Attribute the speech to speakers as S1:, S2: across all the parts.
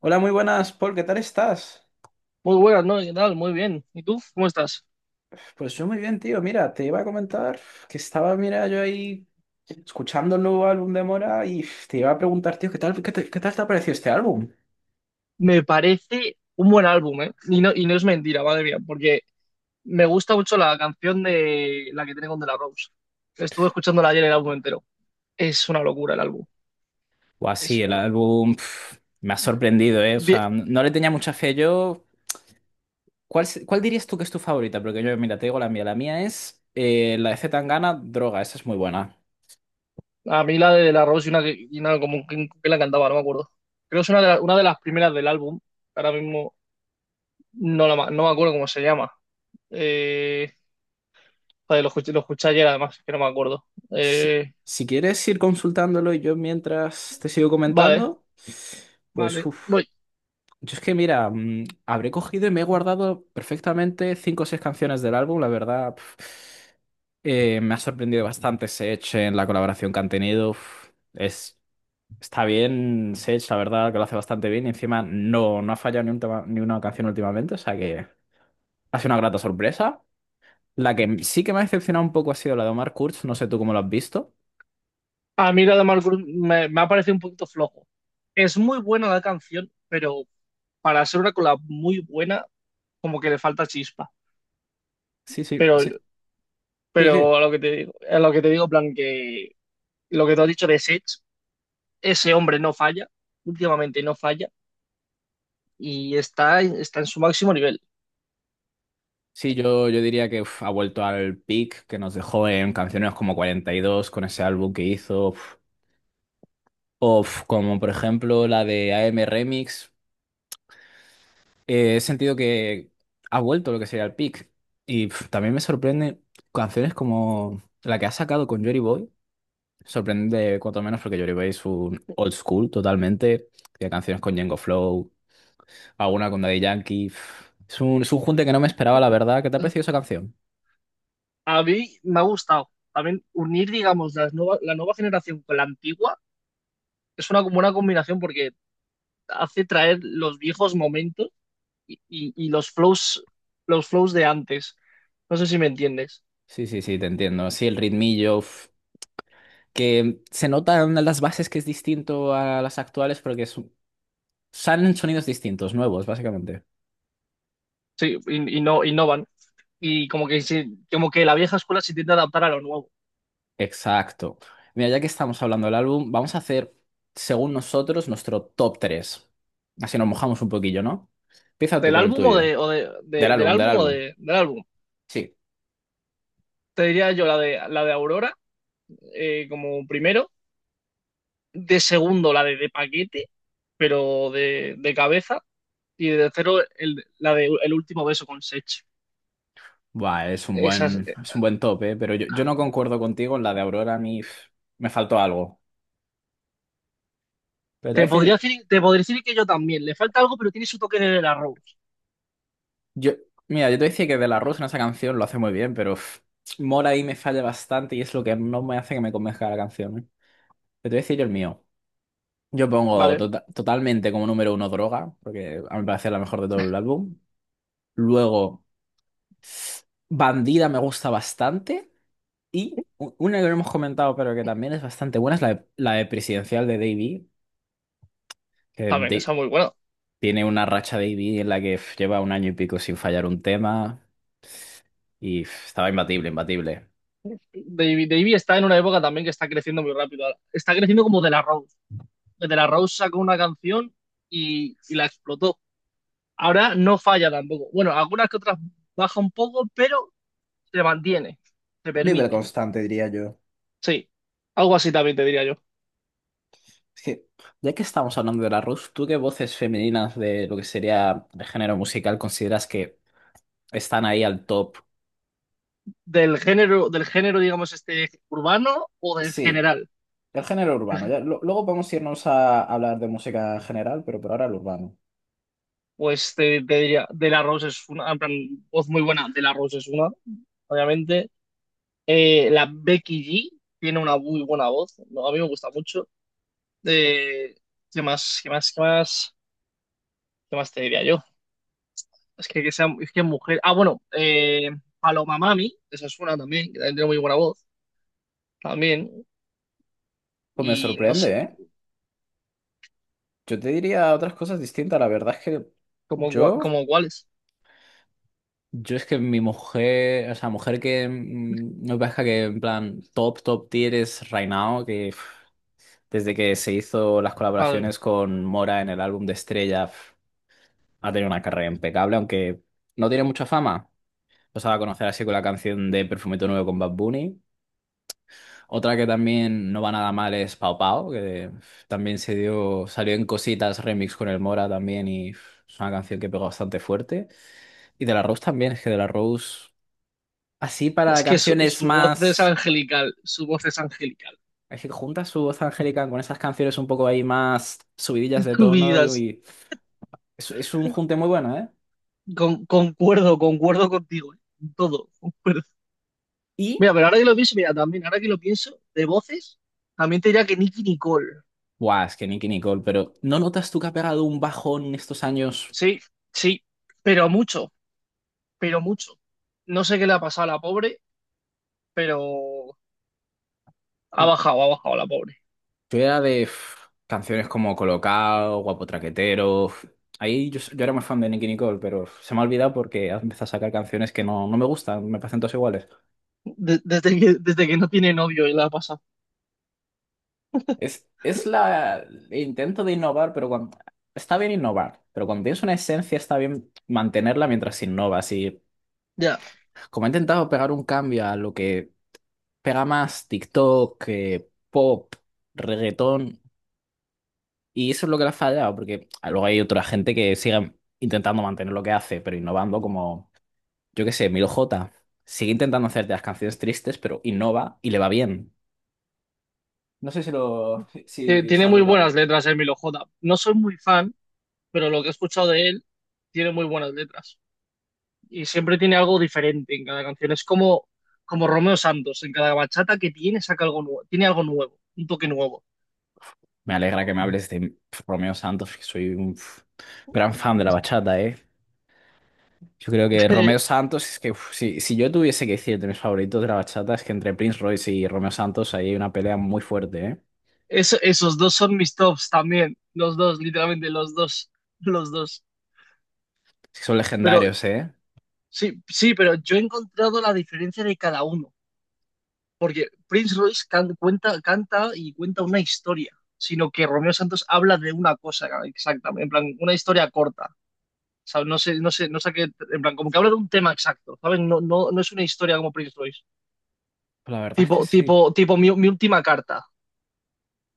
S1: Hola, muy buenas, Paul, ¿qué tal estás?
S2: Muy buenas, ¿no? ¿Qué tal? Muy bien. ¿Y tú? ¿Cómo estás?
S1: Pues yo muy bien, tío. Mira, te iba a comentar que estaba, mira, yo ahí escuchando el nuevo álbum de Mora y te iba a preguntar, tío, ¿qué tal te ha parecido este álbum?
S2: Me parece un buen álbum, ¿eh? Y no es mentira, madre mía, porque me gusta mucho la canción de la que tiene con De La Rose. Estuve escuchándola ayer el álbum entero. Es una locura el álbum.
S1: O
S2: Es
S1: así, el
S2: una locura.
S1: álbum me ha sorprendido, ¿eh? O
S2: Bien.
S1: sea, no le tenía mucha fe yo. ¿Cuál dirías tú que es tu favorita? Porque yo, mira, te digo la mía. La mía es la de C. Tangana, Droga. Esa es muy buena.
S2: A mí la de De La Rose y una, y una como que la cantaba, no me acuerdo. Creo que es una de, una de las primeras del álbum. Ahora mismo no, la no me acuerdo cómo se llama. Eh, Joder, lo escuché ayer además, que no me acuerdo.
S1: Si, si quieres ir consultándolo y yo mientras te sigo
S2: Vale,
S1: comentando, pues
S2: vale. No,
S1: uff. Yo es que, mira, habré cogido y me he guardado perfectamente cinco o seis canciones del álbum, la verdad. Me ha sorprendido bastante Sech en la colaboración que han tenido. Está bien Sech, la verdad, que lo hace bastante bien. Y encima no ha fallado ni, un tema- ni una canción últimamente, o sea que ha sido una grata sorpresa. La que sí que me ha decepcionado un poco ha sido la de Omar Kurz, no sé tú cómo lo has visto.
S2: a mí la de Marcus me ha parecido un poquito flojo. Es muy buena la canción, pero para ser una collab muy buena, como que le falta chispa.
S1: Sí, sí,
S2: Pero,
S1: sí. Sí, sí.
S2: pero a lo que te digo, a lo que te digo, en plan, que lo que te has dicho de Sech, ese hombre no falla, últimamente no falla, y está en su máximo nivel.
S1: Sí, yo diría que ha vuelto al peak que nos dejó en canciones como 42 con ese álbum que hizo, o como por ejemplo la de AM Remix. He sentido que ha vuelto lo que sería el peak. Y también me sorprende canciones como la que ha sacado con Jory Boy. Sorprende cuanto menos porque Jory Boy es un old school totalmente. Tiene canciones con Django Flow, alguna con Daddy Yankee. Uf. Es un junte que no me esperaba, la verdad. ¿Qué te ha parecido esa canción?
S2: A mí me ha gustado. También unir, digamos, la nueva generación con la antigua es una buena combinación porque hace traer los viejos momentos y y los flows de antes. No sé si me entiendes.
S1: Sí, sí, sí, te entiendo. Sí, el ritmillo. Que se nota en las bases que es distinto a las actuales porque salen sonidos distintos, nuevos, básicamente.
S2: Sí, y no innovan. Y como que sí- Como que la vieja escuela se intenta adaptar a lo nuevo.
S1: Exacto. Mira, ya que estamos hablando del álbum, vamos a hacer, según nosotros, nuestro top tres. Así nos mojamos un poquillo, ¿no? Empieza tú
S2: Del
S1: con el
S2: álbum o
S1: tuyo.
S2: de, o de-
S1: Del
S2: de- del
S1: álbum, del
S2: álbum o
S1: álbum.
S2: de, del álbum.
S1: Sí.
S2: Te diría yo la de Aurora, como primero. De segundo, de paquete, pero de cabeza. Y de tercero, la de El último beso con Sech.
S1: Buah, es un
S2: Esas.
S1: buen, es un buen top, ¿eh? Pero yo no concuerdo contigo en la de Aurora, a mí me faltó algo. Pero te voy a decir-
S2: Te podría decir que yo también. Le falta algo, pero tiene su toque de la Rose.
S1: Yo, mira, yo te decía que De La Rosa en esa canción lo hace muy bien, pero Mora ahí me falla bastante y es lo que no me hace que me convenzca la canción. ¿Eh? Pero te voy a decir yo el mío. Yo pongo
S2: Vale,
S1: totalmente como número uno Droga, porque a mi parecer es la mejor de todo el álbum. Luego, Bandida me gusta bastante. Y una que no hemos comentado, pero que también es bastante buena, es la de Presidencial de Davey, que
S2: también, esa es muy buena.
S1: tiene una racha Davey en la que lleva un año y pico sin fallar un tema y estaba imbatible, imbatible.
S2: Davey está en una época también que está creciendo muy rápido. Está creciendo como De La Rose. De La Rose sacó una canción y la explotó. Ahora no falla tampoco. Bueno, algunas que otras baja un poco, pero se mantiene, se
S1: Un nivel
S2: permite.
S1: constante, diría yo.
S2: Sí, algo así también te diría yo.
S1: Es que, ya que estamos hablando de la Rus, ¿tú qué voces femeninas de lo que sería el género musical consideras que están ahí al top?
S2: Del género, digamos, este urbano o del
S1: Sí,
S2: general.
S1: el género urbano. Ya, luego podemos irnos a hablar de música general, pero por ahora el urbano.
S2: Pues te diría, De La Rose es una, en plan, voz muy buena. De La Rose es una, obviamente. La Becky G tiene una muy buena voz. No, a mí me gusta mucho. Eh, ¿Qué más? ¿Qué más? ¿Qué más? ¿Qué más te diría yo? Es que sea, es que mujer. Ah, bueno, Paloma Mami, esa es una también, que también tiene muy buena voz, también.
S1: Pues me
S2: Y no sé,
S1: sorprende, ¿eh? Yo te diría otras cosas distintas. La verdad es que
S2: como,
S1: yo,
S2: como cuáles.
S1: yo es que mi mujer, o sea, mujer que no parezca que en plan top, top tier es Right Now, que desde que se hizo las
S2: Ah,
S1: colaboraciones con Mora en el álbum de Estrella, ha tenido una carrera impecable, aunque no tiene mucha fama. Lo sabe conocer así con la canción de Perfumito Nuevo con Bad Bunny. Otra que también no va nada mal es Pau Pau, que también salió en Cositas Remix con el Mora también y es una canción que pegó bastante fuerte. Y De La Rose también, es que De La Rose, así para
S2: es que su,
S1: canciones
S2: su voz es
S1: más...
S2: angelical, su voz es angelical.
S1: Es que junta su voz angélica con esas canciones un poco ahí más subidillas de
S2: Su
S1: tono y es un junte muy bueno, ¿eh?
S2: con, concuerdo, concuerdo contigo, en todo, concuerdo.
S1: Y,
S2: Mira, pero ahora que lo pienso, mira, también, ahora que lo pienso, de voces, también te diría que Nicki Nicole.
S1: buah, es que Nicky Nicole, pero ¿no notas tú que ha pegado un bajón en estos años?
S2: Sí, sí, pero mucho, pero mucho. No sé qué le ha pasado a la pobre, pero ha bajado la pobre.
S1: Yo era de canciones como Colocao, Guapo Traquetero. Uf. Ahí yo era más fan de Nicky Nicole, pero se me ha olvidado porque ha empezado a sacar canciones que no me gustan, me parecen todas iguales.
S2: Desde que, desde que no tiene novio y la ha pasado.
S1: El intento de innovar, pero cuando, está bien innovar, pero cuando tienes una esencia está bien mantenerla mientras innovas. Y
S2: Ya.
S1: como ha intentado pegar un cambio a lo que pega más TikTok, pop, reggaetón, y eso es lo que le ha fallado, porque luego hay otra gente que sigue intentando mantener lo que hace, pero innovando, como yo qué sé, Milo J. Sigue intentando hacerte las canciones tristes, pero innova y le va bien. No sé si lo, si
S2: Tiene
S1: sabes de
S2: muy
S1: lo que
S2: buenas
S1: hablo.
S2: letras Emilio J. No soy muy fan, pero lo que he escuchado de él tiene muy buenas letras. Y siempre tiene algo diferente en cada canción. Es como, como Romeo Santos. En cada bachata que tiene saca algo nuevo. Tiene algo nuevo, un toque nuevo.
S1: Me alegra que me hables de Romeo Santos, que soy un gran fan de la bachata, ¿eh? Yo creo que Romeo Santos es que si yo tuviese que decirte mis favoritos de la bachata es que entre Prince Royce y Romeo Santos ahí hay una pelea muy fuerte, ¿eh?
S2: Esos dos son mis tops también. Los dos, literalmente, los dos. Los dos.
S1: Sí, son
S2: Pero
S1: legendarios, ¿eh?
S2: sí, sí, pero yo he encontrado la diferencia de cada uno, porque Prince Royce canta y cuenta una historia, sino que Romeo Santos habla de una cosa exactamente, en plan, una historia corta, ¿sabes? No sé qué, en plan, como que habla de un tema exacto, ¿sabes? No, no, no es una historia como Prince Royce,
S1: La verdad es que sí.
S2: tipo mi última carta,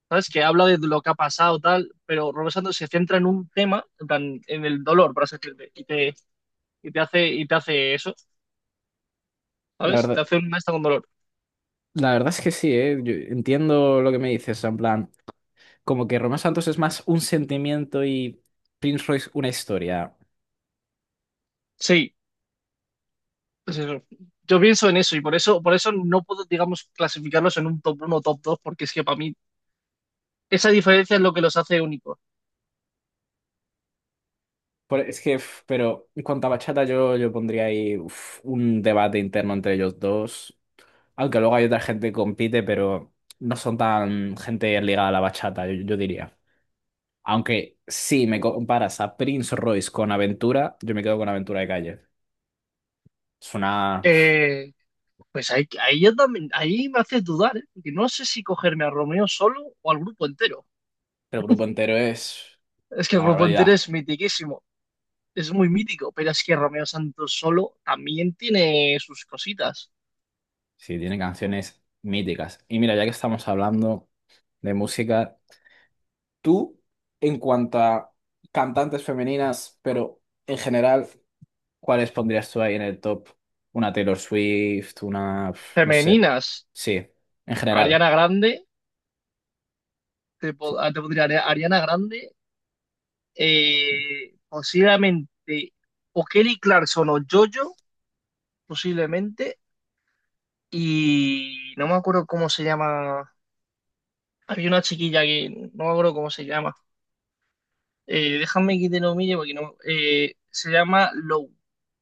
S2: ¿sabes? Que habla de lo que ha pasado, tal, pero Romeo Santos se centra en un tema, en plan, en el dolor, por así decirlo, y te hace eso,
S1: La
S2: ¿sabes? Te
S1: verdad,
S2: hace una maestra con dolor.
S1: la verdad es que sí, ¿eh? Yo entiendo lo que me dices, o sea, en plan, como que Romeo Santos es más un sentimiento y Prince Royce una historia.
S2: Sí, pues eso. Yo pienso en eso y por eso no puedo, digamos, clasificarlos en un top uno o top 2 porque es que para mí esa diferencia es lo que los hace únicos.
S1: Es que, pero en cuanto a bachata, yo pondría ahí un debate interno entre ellos dos. Aunque luego hay otra gente que compite, pero no son tan gente ligada a la bachata, yo diría. Aunque si me comparas a Prince Royce con Aventura, yo me quedo con Aventura de Calle. Es una...
S2: Eh, pues ahí, ahí, yo también, ahí me hace dudar, ¿eh? Porque no sé si cogerme a Romeo solo o al grupo entero.
S1: El grupo entero es
S2: Es que el
S1: una
S2: grupo entero
S1: barbaridad.
S2: es mitiquísimo, es muy mítico, pero es que Romeo Santos solo también tiene sus cositas
S1: Sí, tiene canciones míticas. Y mira, ya que estamos hablando de música, tú, en cuanto a cantantes femeninas, pero en general, ¿cuáles pondrías tú ahí en el top? Una Taylor Swift, una, no sé.
S2: femeninas.
S1: Sí, en general.
S2: Ariana Grande, te podría Ariana Grande posiblemente o Kelly Clarkson o Jojo, posiblemente, y no me acuerdo cómo se llama. Había una chiquilla que no me acuerdo cómo se llama. Déjame que te lo mire porque no. Se llama Low,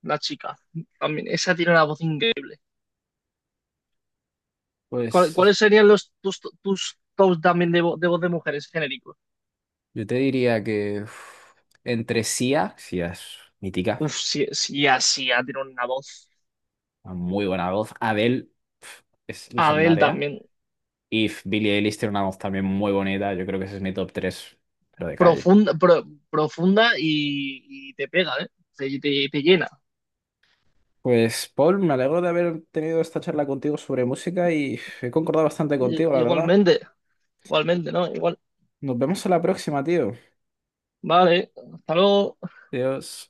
S2: la chica. También, esa tiene una voz increíble.
S1: Pues
S2: ¿Cuáles serían tus tops también de, de voz de mujeres genéricos?
S1: yo te diría que entre Sia, Sia es mítica,
S2: Uf, sí, sí, así, tiene una voz.
S1: una muy buena voz. Adele es
S2: Adele
S1: legendaria.
S2: también.
S1: If, Billie Eilish tiene una voz también muy bonita. Yo creo que ese es mi top 3, pero de calle.
S2: Profunda, profunda y te pega, ¿eh? Te, te llena.
S1: Pues, Paul, me alegro de haber tenido esta charla contigo sobre música y he concordado bastante contigo, la verdad.
S2: Igualmente, igualmente, ¿no? Igual.
S1: Nos vemos en la próxima, tío.
S2: Vale, hasta luego.
S1: Adiós.